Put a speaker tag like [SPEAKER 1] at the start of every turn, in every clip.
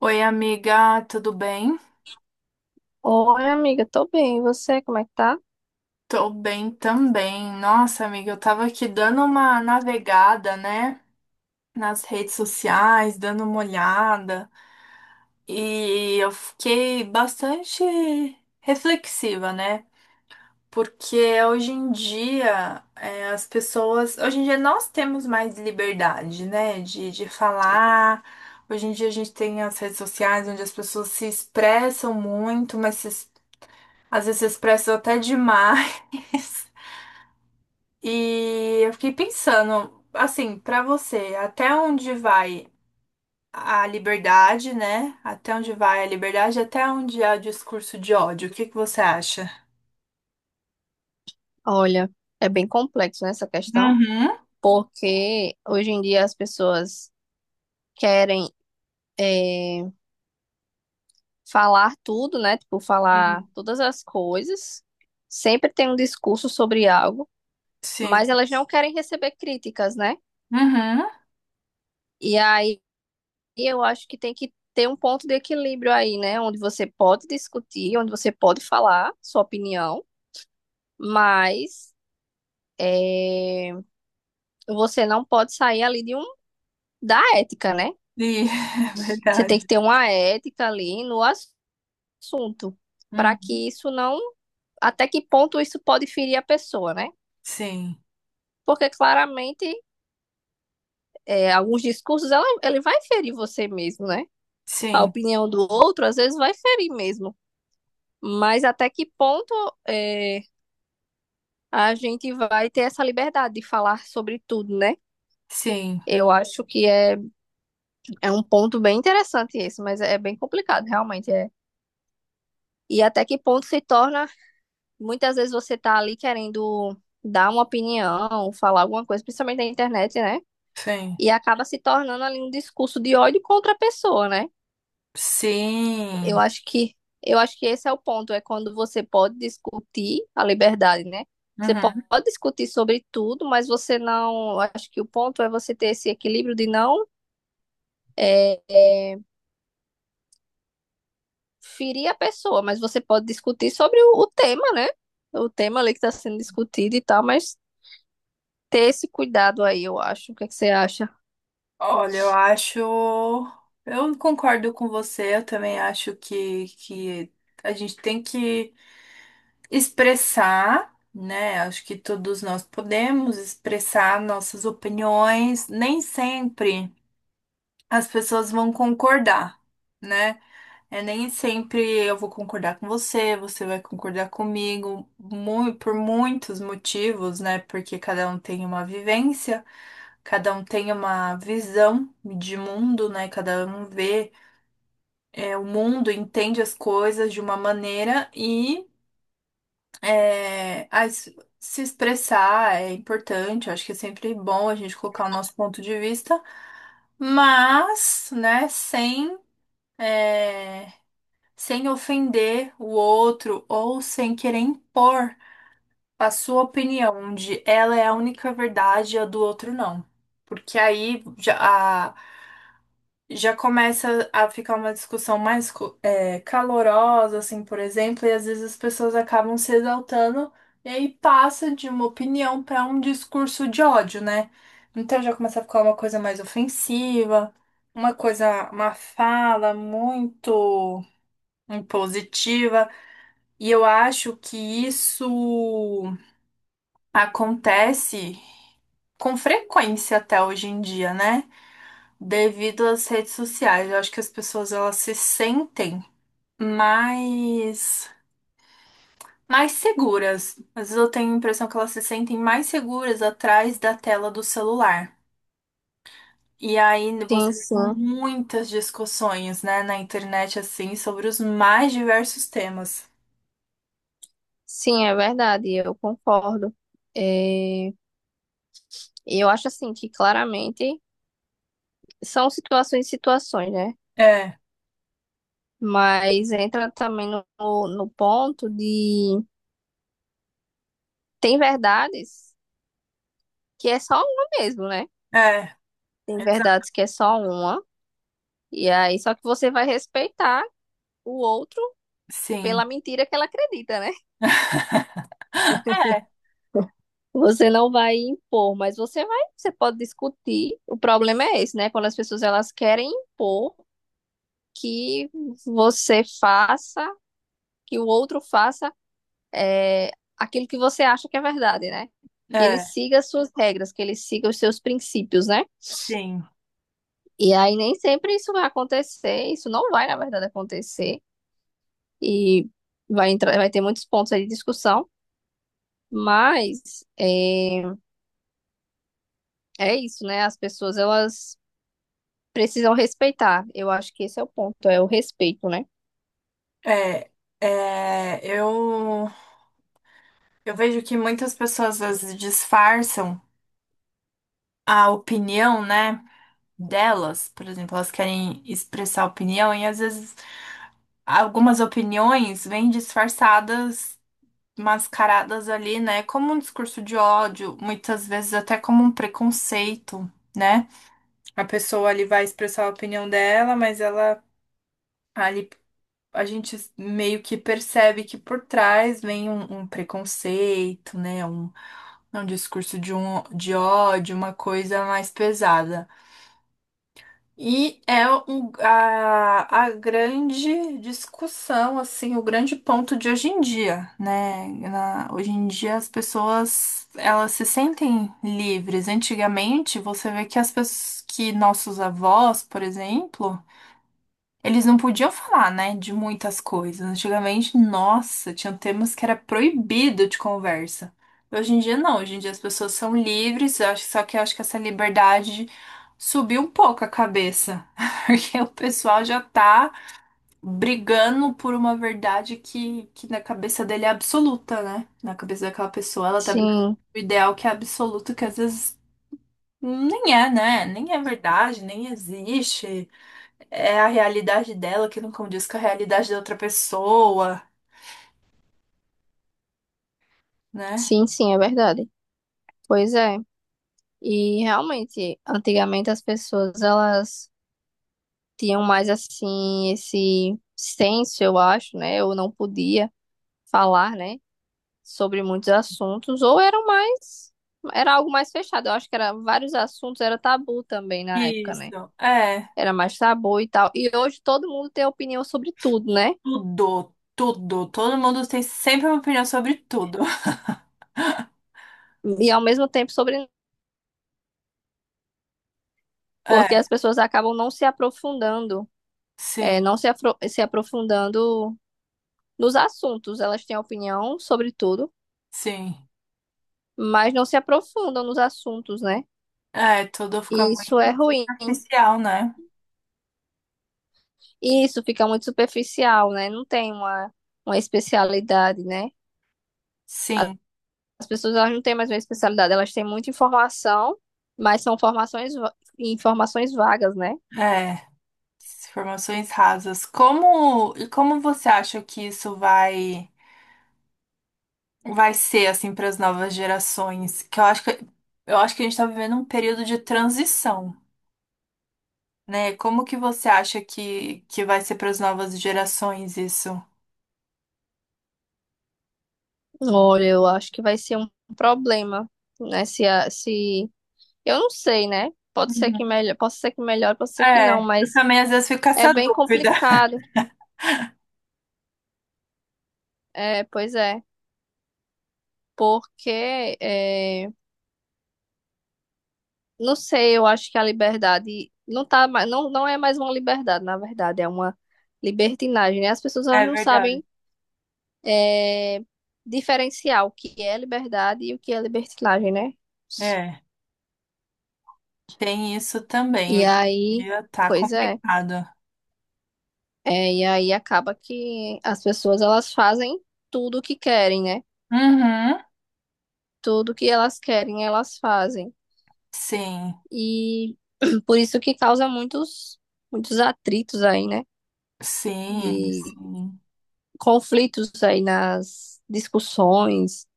[SPEAKER 1] Oi, amiga, tudo bem?
[SPEAKER 2] Oi, amiga, tô bem. E você, como é que tá?
[SPEAKER 1] Tô bem também. Nossa, amiga, eu tava aqui dando uma navegada, né, nas redes sociais, dando uma olhada, e eu fiquei bastante reflexiva, né? Porque hoje em dia, as pessoas. Hoje em dia nós temos mais liberdade, né, de falar. Hoje em dia a gente tem as redes sociais onde as pessoas se expressam muito, mas se às vezes expressam até demais. E eu fiquei pensando, assim, pra você, até onde vai a liberdade, né? Até onde vai a liberdade, até onde há discurso de ódio? O que que você acha?
[SPEAKER 2] Olha, é bem complexo, né, essa questão,
[SPEAKER 1] Uhum.
[SPEAKER 2] porque hoje em dia as pessoas querem eh, falar tudo, né? Tipo, falar
[SPEAKER 1] Sim.
[SPEAKER 2] todas as coisas. Sempre tem um discurso sobre algo,
[SPEAKER 1] Sim.
[SPEAKER 2] mas elas não querem receber críticas, né?
[SPEAKER 1] Uhum.
[SPEAKER 2] E aí eu acho que tem que ter um ponto de equilíbrio aí, né? Onde você pode discutir, onde você pode falar sua opinião, mas eh, você não pode sair ali de um da ética, né?
[SPEAKER 1] E é
[SPEAKER 2] Você tem que
[SPEAKER 1] verdade.
[SPEAKER 2] ter uma ética ali no assunto, para
[SPEAKER 1] Uhum.
[SPEAKER 2] que isso não. Até que ponto isso pode ferir a pessoa, né?
[SPEAKER 1] Sim.
[SPEAKER 2] Porque claramente é, alguns discursos ela, ele vai ferir você mesmo, né? A
[SPEAKER 1] Sim.
[SPEAKER 2] opinião do outro às vezes vai ferir mesmo. Mas até que ponto é, a gente vai ter essa liberdade de falar sobre tudo, né?
[SPEAKER 1] Sim.
[SPEAKER 2] Eu acho que é, é um ponto bem interessante esse, mas é bem complicado, realmente. É. E até que ponto se torna muitas vezes você tá ali querendo dar uma opinião, falar alguma coisa, principalmente na internet, né?
[SPEAKER 1] Sim.
[SPEAKER 2] E acaba se tornando ali um discurso de ódio contra a pessoa, né? Eu
[SPEAKER 1] Sim.
[SPEAKER 2] acho que eu acho que esse é o ponto, é quando você pode discutir a liberdade, né?
[SPEAKER 1] Uhum.
[SPEAKER 2] Pode discutir sobre tudo, mas você não. eu Acho que o ponto é você ter esse equilíbrio de não é, é, ferir a pessoa, mas você pode discutir sobre o tema, né? O tema ali que está sendo discutido e tal, mas ter esse cuidado aí, eu acho. O que é que você acha?
[SPEAKER 1] Olha, eu acho. Eu concordo com você, eu também acho que a gente tem que expressar, né? Acho que todos nós podemos expressar nossas opiniões, nem sempre as pessoas vão concordar, né? É, nem sempre eu vou concordar com você, você vai concordar comigo, por muitos motivos, né? Porque cada um tem uma vivência, cada um tem uma visão de mundo, né? Cada um vê, o mundo, entende as coisas de uma maneira e é, as- se expressar é importante. Eu acho que é sempre bom a gente colocar o nosso ponto de vista, mas, né, é, sem ofender o outro ou sem querer impor a sua opinião, de ela é a única verdade e a do outro não. Porque aí a- já começa a ficar uma discussão mais calorosa, assim, por exemplo, e às vezes as pessoas acabam se exaltando e aí passa de uma opinião para um discurso de ódio, né? Então já começa a ficar uma coisa mais ofensiva, uma coisa, uma fala muito impositiva. E eu acho que isso acontece com frequência até hoje em dia, né? Devido às redes sociais. Eu acho que as pessoas elas se sentem mais mais seguras. Às vezes eu tenho a impressão que elas se sentem mais seguras atrás da tela do celular. E aí você
[SPEAKER 2] Sim,
[SPEAKER 1] tem
[SPEAKER 2] sim.
[SPEAKER 1] muitas discussões, né, na internet assim sobre os mais diversos temas.
[SPEAKER 2] Sim, é verdade, eu concordo. É, eu acho assim que claramente são situações e situações, né?
[SPEAKER 1] É,
[SPEAKER 2] Mas entra também no ponto de tem verdades que é só uma mesmo, né?
[SPEAKER 1] é,
[SPEAKER 2] Tem
[SPEAKER 1] exa-
[SPEAKER 2] verdades que é só uma, e aí só que você vai respeitar o outro pela
[SPEAKER 1] sim,
[SPEAKER 2] mentira que ela acredita, né? Você não vai impor, mas você vai, você pode discutir. O problema é esse, né? Quando as pessoas elas querem impor que você faça, que o outro faça é, aquilo que você acha que é verdade, né? Que ele
[SPEAKER 1] é,
[SPEAKER 2] siga as suas regras, que ele siga os seus princípios, né?
[SPEAKER 1] sim.
[SPEAKER 2] E aí nem sempre isso vai acontecer, isso não vai, na verdade, acontecer. E vai entrar, vai ter muitos pontos aí de discussão, mas é, é isso, né? As pessoas, elas precisam respeitar. Eu acho que esse é o ponto, é o respeito, né?
[SPEAKER 1] É, é, eu vejo que muitas pessoas às vezes disfarçam a opinião, né, delas. Por exemplo, elas querem expressar opinião e às vezes algumas opiniões vêm disfarçadas, mascaradas ali, né, como um discurso de ódio, muitas vezes até como um preconceito, né? A pessoa ali vai expressar a opinião dela, mas ela ali a gente meio que percebe que por trás vem um preconceito, né? É um discurso de ódio, uma coisa mais pesada. E é a grande discussão, assim, o grande ponto de hoje em dia, né? Hoje em dia as pessoas, elas se sentem livres. Antigamente, você vê que as pessoas, que nossos avós, por exemplo, eles não podiam falar, né, de muitas coisas. Antigamente, nossa, tinha temas que era proibido de conversa. Hoje em dia não, hoje em dia as pessoas são livres, só que eu acho que essa liberdade subiu um pouco a cabeça, porque o pessoal já tá brigando por uma verdade que na cabeça dele é absoluta, né? Na cabeça daquela pessoa, ela tá brigando por
[SPEAKER 2] Sim,
[SPEAKER 1] um ideal que é absoluto, que às vezes nem é, né? Nem é verdade, nem existe é a realidade dela que não condiz com a realidade da outra pessoa, né?
[SPEAKER 2] sim, sim, é verdade. Pois é. E realmente, antigamente as pessoas elas tinham mais assim esse senso, eu acho, né? Ou não podia falar, né, sobre muitos assuntos, ou eram mais era algo mais fechado. Eu acho que era vários assuntos era tabu também na época, né?
[SPEAKER 1] Isso, é.
[SPEAKER 2] Era mais tabu e tal. E hoje todo mundo tem opinião sobre tudo, né?
[SPEAKER 1] Tudo, tudo. Todo mundo tem sempre uma opinião sobre tudo.
[SPEAKER 2] E ao mesmo tempo sobre porque
[SPEAKER 1] É,
[SPEAKER 2] as pessoas acabam não se aprofundando, é,
[SPEAKER 1] sim,
[SPEAKER 2] se aprofundando nos assuntos. Elas têm opinião sobre tudo,
[SPEAKER 1] sim.
[SPEAKER 2] mas não se aprofundam nos assuntos, né?
[SPEAKER 1] É, tudo fica
[SPEAKER 2] E isso
[SPEAKER 1] muito
[SPEAKER 2] é ruim.
[SPEAKER 1] superficial, né?
[SPEAKER 2] E isso fica muito superficial, né? Não tem uma especialidade, né? A-
[SPEAKER 1] Sim,
[SPEAKER 2] As pessoas elas não têm mais uma especialidade, elas têm muita informação, mas são informações vagas, né?
[SPEAKER 1] é. Informações rasas. Como, e como você acha que isso vai ser assim para as novas gerações? Que eu acho que a gente está vivendo um período de transição. Né? Como que você acha que vai ser para as novas gerações isso?
[SPEAKER 2] Olha, eu acho que vai ser um problema, né? Se, a- se Eu não sei, né?
[SPEAKER 1] Uhum.
[SPEAKER 2] Pode ser que melhor, pode ser que não,
[SPEAKER 1] É, eu
[SPEAKER 2] mas
[SPEAKER 1] também às vezes fico com
[SPEAKER 2] é
[SPEAKER 1] essa
[SPEAKER 2] bem
[SPEAKER 1] dúvida.
[SPEAKER 2] complicado. É, pois é, porque é, não sei, eu acho que a liberdade não tá, não é mais uma liberdade, na verdade, é uma libertinagem, né? As pessoas
[SPEAKER 1] É
[SPEAKER 2] elas não
[SPEAKER 1] verdade.
[SPEAKER 2] sabem é, diferenciar o que é liberdade e o que é libertinagem, né?
[SPEAKER 1] É, tem isso também.
[SPEAKER 2] E
[SPEAKER 1] Hoje em
[SPEAKER 2] aí,
[SPEAKER 1] dia tá
[SPEAKER 2] pois é,
[SPEAKER 1] complicado.
[SPEAKER 2] é, e aí acaba que as pessoas elas fazem tudo o que querem, né?
[SPEAKER 1] Uhum.
[SPEAKER 2] Tudo que elas querem, elas fazem.
[SPEAKER 1] Sim,
[SPEAKER 2] E por isso que causa muitos, muitos atritos aí, né?
[SPEAKER 1] sim,
[SPEAKER 2] De
[SPEAKER 1] sim.
[SPEAKER 2] conflitos aí nas discussões,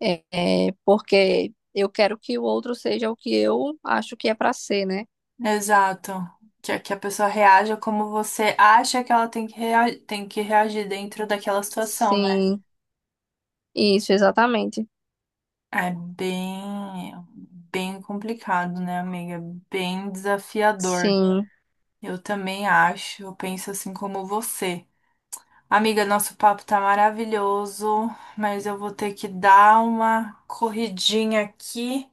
[SPEAKER 2] é, é, porque eu quero que o outro seja o que eu acho que é para ser, né?
[SPEAKER 1] Exato. Que a pessoa reaja como você acha que ela tem tem que reagir dentro daquela situação, né?
[SPEAKER 2] Sim, isso, exatamente.
[SPEAKER 1] É bem, bem complicado, né, amiga? Bem desafiador.
[SPEAKER 2] Sim.
[SPEAKER 1] Eu também acho, eu penso assim como você. Amiga, nosso papo tá maravilhoso, mas eu vou ter que dar uma corridinha aqui,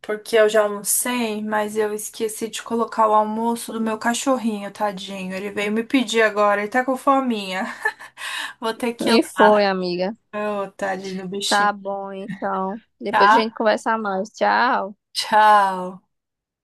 [SPEAKER 1] porque eu já almocei, mas eu esqueci de colocar o almoço do meu cachorrinho, tadinho. Ele veio me pedir agora, ele tá com fominha. Vou ter que ir
[SPEAKER 2] E
[SPEAKER 1] lá.
[SPEAKER 2] foi, amiga.
[SPEAKER 1] Ô, tadinho do
[SPEAKER 2] Tá
[SPEAKER 1] bichinho,
[SPEAKER 2] bom, então. Depois a
[SPEAKER 1] tá?
[SPEAKER 2] gente conversa mais. Tchau.
[SPEAKER 1] Tchau.